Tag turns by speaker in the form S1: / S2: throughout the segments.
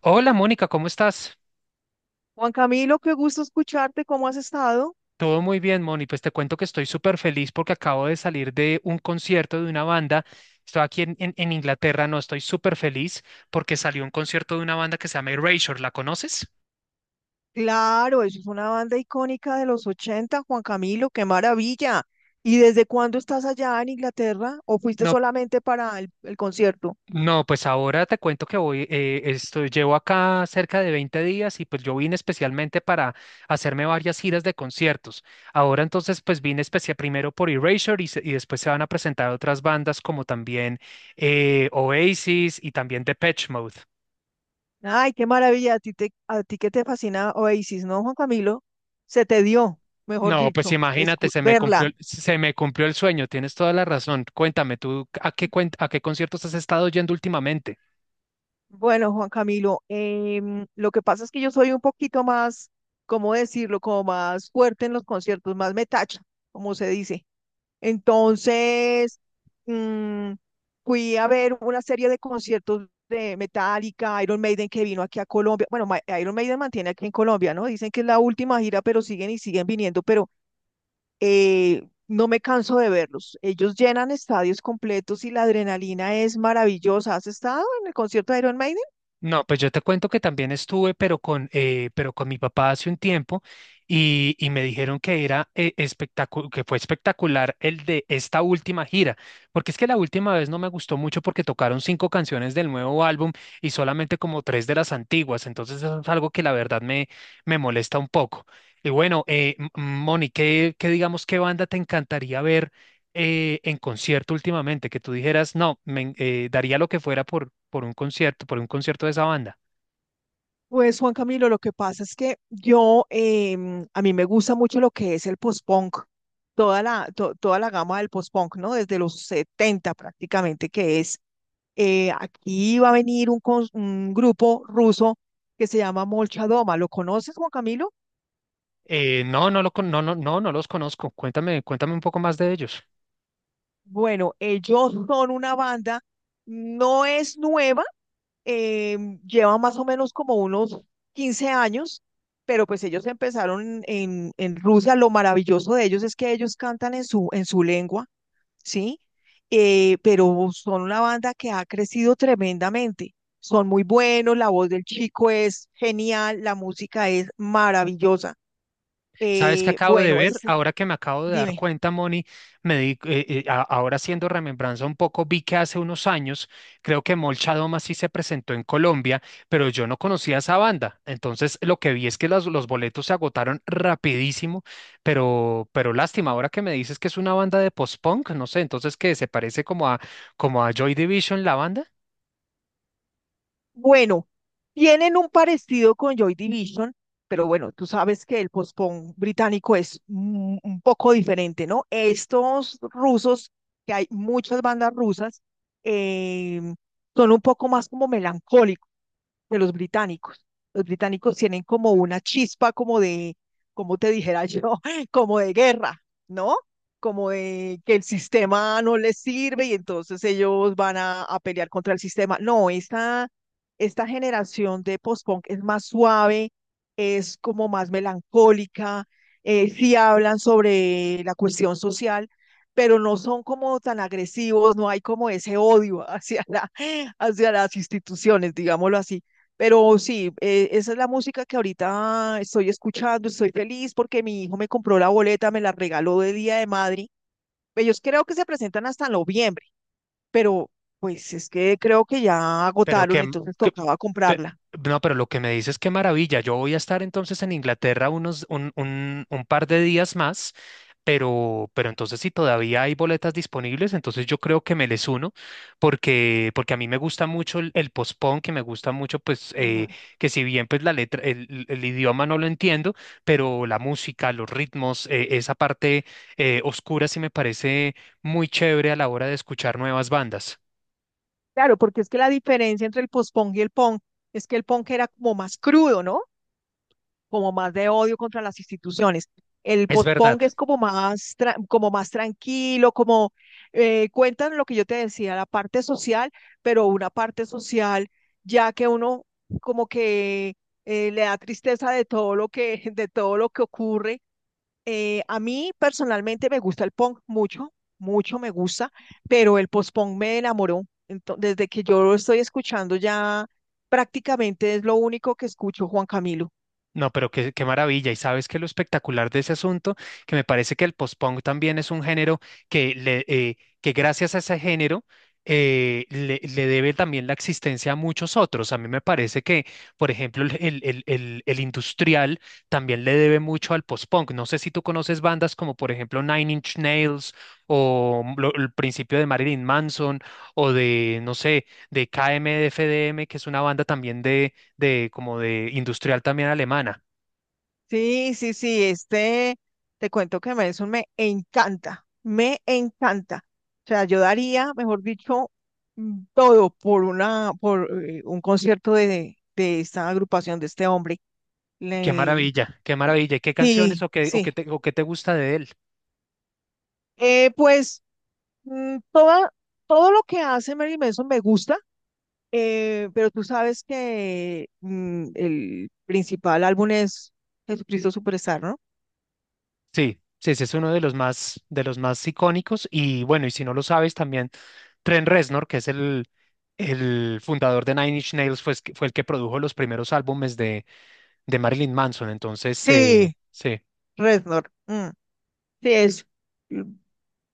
S1: Hola Mónica, ¿cómo estás?
S2: Juan Camilo, qué gusto escucharte, ¿cómo has estado?
S1: Todo muy bien, Moni. Pues te cuento que estoy súper feliz porque acabo de salir de un concierto de una banda. Estoy aquí en Inglaterra, no, estoy súper feliz porque salió un concierto de una banda que se llama Erasure. ¿La conoces?
S2: Claro, eso es una banda icónica de los 80. Juan Camilo, qué maravilla. ¿Y desde cuándo estás allá en Inglaterra o fuiste
S1: No,
S2: solamente para el concierto?
S1: no, pues ahora te cuento que llevo acá cerca de 20 días y pues yo vine especialmente para hacerme varias giras de conciertos. Ahora entonces pues vine especial primero por Erasure y después se van a presentar otras bandas como también Oasis y también Depeche Mode.
S2: Ay, qué maravilla, a ti, te, a ti que te fascina Oasis, ¿no, Juan Camilo? Se te dio, mejor
S1: No, pues
S2: dicho,
S1: imagínate,
S2: verla.
S1: se me cumplió el sueño, tienes toda la razón. Cuéntame, ¿tú a qué conciertos has estado yendo últimamente?
S2: Bueno, Juan Camilo, lo que pasa es que yo soy un poquito más, ¿cómo decirlo? Como más fuerte en los conciertos, más metacha, como se dice. Entonces, mm, fui a ver una serie de conciertos de Metallica, Iron Maiden que vino aquí a Colombia. Bueno, Iron Maiden mantiene aquí en Colombia, ¿no? Dicen que es la última gira, pero siguen y siguen viniendo, pero no me canso de verlos. Ellos llenan estadios completos y la adrenalina es maravillosa. ¿Has estado en el concierto de Iron Maiden?
S1: No, pues yo te cuento que también estuve, pero con mi papá hace un tiempo y me dijeron que era espectacular, que fue espectacular el de esta última gira, porque es que la última vez no me gustó mucho porque tocaron 5 canciones del nuevo álbum y solamente como tres de las antiguas, entonces eso es algo que la verdad me molesta un poco. Y bueno, Moni, ¿qué digamos, qué banda te encantaría ver en concierto últimamente que tú dijeras, no, daría lo que fuera por un concierto, por un concierto, de esa banda?
S2: Pues Juan Camilo, lo que pasa es que yo, a mí me gusta mucho lo que es el post-punk, toda la gama del post-punk, ¿no? Desde los 70 prácticamente, que es, aquí va a venir un grupo ruso que se llama Molchadoma. ¿Lo conoces, Juan Camilo?
S1: No, no lo, con- no, no, no, no los conozco. Cuéntame, cuéntame un poco más de ellos.
S2: Bueno, ellos son una banda, no es nueva, eh, lleva más o menos como unos 15 años, pero pues ellos empezaron en Rusia. Lo maravilloso de ellos es que ellos cantan en su lengua, ¿sí? Pero son una banda que ha crecido tremendamente. Son muy buenos, la voz del chico es genial, la música es maravillosa.
S1: ¿Sabes qué acabo de
S2: Bueno,
S1: ver?
S2: esa,
S1: Ahora que me acabo de dar
S2: dime.
S1: cuenta, Moni, ahora haciendo remembranza un poco, vi que hace unos años, creo que Molcha Doma sí se presentó en Colombia, pero yo no conocía esa banda. Entonces, lo que vi es que los boletos se agotaron rapidísimo, pero lástima, ahora que me dices que es una banda de post-punk, no sé, entonces que se parece como a Joy Division, la banda.
S2: Bueno, tienen un parecido con Joy Division, pero bueno, tú sabes que el post-punk británico es un poco diferente, ¿no? Estos rusos, que hay muchas bandas rusas, eh, son un poco más como melancólicos de los británicos. Los británicos tienen como una chispa como de, como te dijera yo, como de guerra, ¿no? Como de que el sistema no les sirve y entonces ellos van a pelear contra el sistema. No, esta generación de post-punk es más suave, es como más melancólica, sí hablan sobre la cuestión social, pero no son como tan agresivos, no hay como ese odio hacia hacia las instituciones, digámoslo así. Pero sí, esa es la música que ahorita estoy escuchando, estoy feliz porque mi hijo me compró la boleta, me la regaló de Día de Madrid. Ellos creo que se presentan hasta noviembre, pero pues es que creo que ya
S1: Pero
S2: agotaron,
S1: que,
S2: entonces
S1: que-
S2: tocaba
S1: pe-
S2: comprarla.
S1: no, pero lo que me dices, qué maravilla. Yo voy a estar entonces en Inglaterra un par de días más, pero entonces si todavía hay boletas disponibles, entonces yo creo que me les uno, porque a mí me gusta mucho el postpone, que me gusta mucho, pues,
S2: Ujú.
S1: que si bien pues la letra, el idioma no lo entiendo, pero la música, los ritmos, esa parte oscura sí me parece muy chévere a la hora de escuchar nuevas bandas.
S2: Claro, porque es que la diferencia entre el post-punk y el punk es que el punk era como más crudo, ¿no? Como más de odio contra las instituciones. El
S1: Es verdad.
S2: post-punk es como más, como más tranquilo, como cuentan lo que yo te decía, la parte social, pero una parte social ya que uno como que le da tristeza de todo lo que, de todo lo que ocurre. A mí personalmente me gusta el punk mucho, mucho me gusta, pero el post-punk me enamoró. Entonces, desde que yo lo estoy escuchando ya prácticamente es lo único que escucho, Juan Camilo.
S1: No, pero qué, qué maravilla. Y sabes que lo espectacular de ese asunto, que me parece que el post-punk también es un género que gracias a ese género le debe también la existencia a muchos otros. A mí me parece que, por ejemplo, el industrial también le debe mucho al post-punk. No sé si tú conoces bandas como, por ejemplo, Nine Inch Nails o el principio de Marilyn Manson o de, no sé, de KMFDM, que es una banda también de como de industrial también alemana.
S2: Sí, sí, sí, este, te cuento que Nelson me encanta, me encanta. O sea, yo daría, mejor dicho, todo por una, por un concierto de esta agrupación, de este hombre.
S1: Qué
S2: Le-
S1: maravilla, qué maravilla. ¿Y qué canciones
S2: Sí, sí.
S1: o qué te gusta de él?
S2: Pues. Mm, toda- todo lo que hace Mary Manson me gusta, pero tú sabes que el principal álbum es Jesucristo Superstar, ¿no?
S1: Sí, sí, ese es uno de los más icónicos. Y bueno, y si no lo sabes, también Trent Reznor, que es el fundador de Nine Inch Nails, fue el que produjo los primeros álbumes de Marilyn Manson. Entonces,
S2: Sí,
S1: sí.
S2: Reznor. Mm, sí, es. Mm,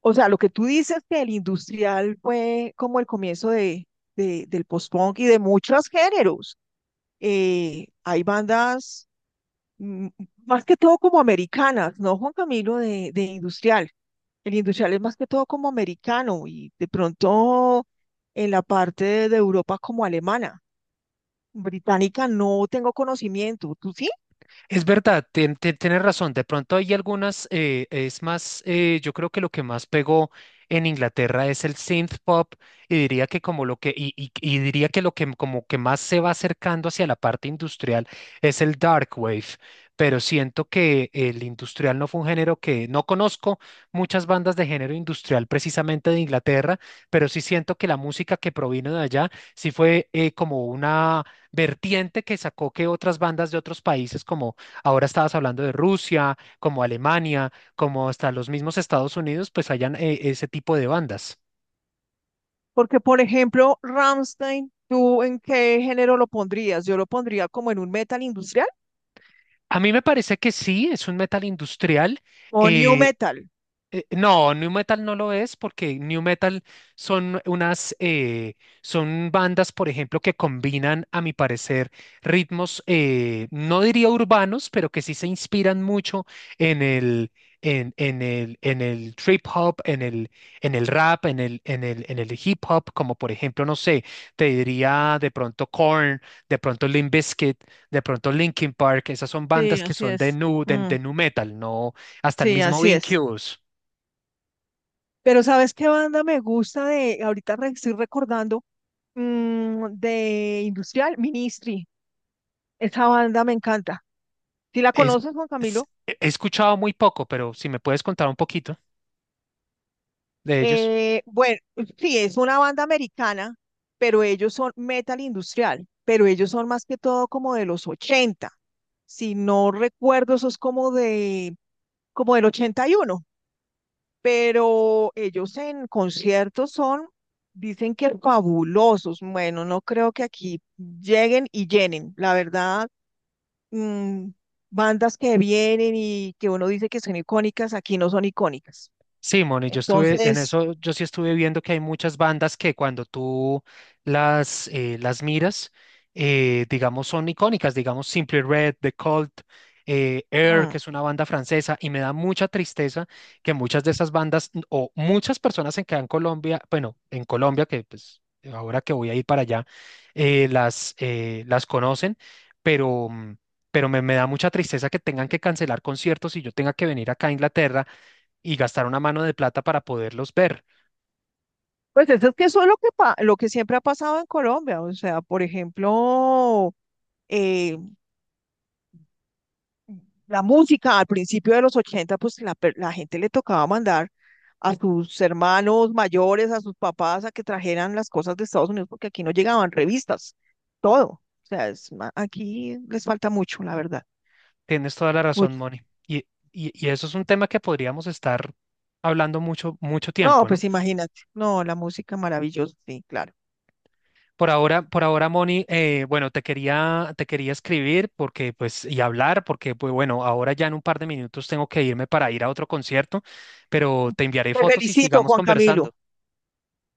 S2: o sea, lo que tú dices que el industrial fue como el comienzo de, del post-punk y de muchos géneros. Hay bandas mm, más que todo como americanas, ¿no, Juan Camilo, de industrial? El industrial es más que todo como americano y de pronto en la parte de Europa como alemana. Británica no tengo conocimiento, ¿tú sí?
S1: Es verdad, tienes razón. De pronto hay algunas, es más, yo creo que lo que más pegó en Inglaterra es el synth pop y diría que como lo que y diría que lo que como que más se va acercando hacia la parte industrial es el dark wave. Pero siento que el industrial no fue un género que no conozco muchas bandas de género industrial precisamente de Inglaterra, pero sí siento que la música que provino de allá sí fue como una vertiente que sacó que otras bandas de otros países como ahora estabas hablando de Rusia, como Alemania, como hasta los mismos Estados Unidos, pues hayan ese tipo de bandas.
S2: Porque, por ejemplo, Rammstein, ¿tú en qué género lo pondrías? Yo lo pondría como en un metal industrial
S1: A mí me parece que sí, es un metal industrial.
S2: o new
S1: eh,
S2: metal.
S1: No, New Metal no lo es porque New Metal son son bandas, por ejemplo, que combinan, a mi parecer, ritmos, no diría urbanos, pero que sí se inspiran mucho en el trip hop, en el rap, en el hip hop, como por ejemplo, no sé, te diría de pronto Korn, de pronto Limp Bizkit, de pronto Linkin Park, esas son
S2: Sí,
S1: bandas que
S2: así
S1: son de
S2: es.
S1: nu, de,
S2: Mm,
S1: de nu metal, no, hasta el
S2: sí,
S1: mismo
S2: así es.
S1: Incubus.
S2: Pero ¿sabes qué banda me gusta de, ahorita estoy recordando, mm, de industrial? Ministry. Esa banda me encanta. ¿Sí la
S1: Es,
S2: conoces, Juan Camilo?
S1: He escuchado muy poco, pero si me puedes contar un poquito de ellos.
S2: Bueno, sí, es una banda americana, pero ellos son metal industrial, pero ellos son más que todo como de los 80. Si no recuerdo, eso es como de, como del 81. Pero ellos en conciertos son, dicen que fabulosos. Bueno, no creo que aquí lleguen y llenen, la verdad. Mm, bandas que vienen y que uno dice que son icónicas, aquí no son icónicas.
S1: Sí, Moni, yo estuve en
S2: Entonces,
S1: eso, yo sí estuve viendo que hay muchas bandas que cuando tú las miras, digamos, son icónicas, digamos, Simply Red, The Cult, Air, que
S2: mm,
S1: es una banda francesa, y me da mucha tristeza que muchas de esas bandas, o muchas personas en Colombia, bueno, en Colombia, que pues ahora que voy a ir para allá, las conocen, pero... mm, pero me da mucha tristeza que tengan que cancelar conciertos y yo tenga que venir acá a Inglaterra y gastar una mano de plata para poderlos ver.
S2: pues eso es que eso es lo que, lo que siempre ha pasado en Colombia. O sea, por ejemplo, eh, la música al principio de los 80, pues la gente le tocaba mandar a sus hermanos mayores, a sus papás, a que trajeran las cosas de Estados Unidos, porque aquí no llegaban revistas, todo. O sea, es aquí les falta mucho, la verdad,
S1: Tienes toda la razón,
S2: mucho.
S1: Moni. Y, y eso es un tema que podríamos estar hablando mucho, mucho
S2: No,
S1: tiempo, ¿no?
S2: pues imagínate. No, la música maravillosa, sí, claro.
S1: Por ahora, Moni, bueno, te quería escribir porque, pues, y hablar porque, pues, bueno, ahora ya en un par de minutos tengo que irme para ir a otro concierto, pero te enviaré
S2: Te
S1: fotos y
S2: felicito,
S1: sigamos
S2: Juan Camilo.
S1: conversando.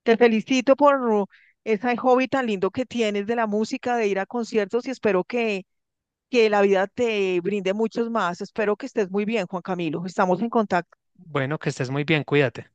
S2: Te felicito por ese hobby tan lindo que tienes de la música, de ir a conciertos y espero que la vida te brinde muchos más. Espero que estés muy bien, Juan Camilo. Estamos en contacto.
S1: Bueno, que estés muy bien, cuídate.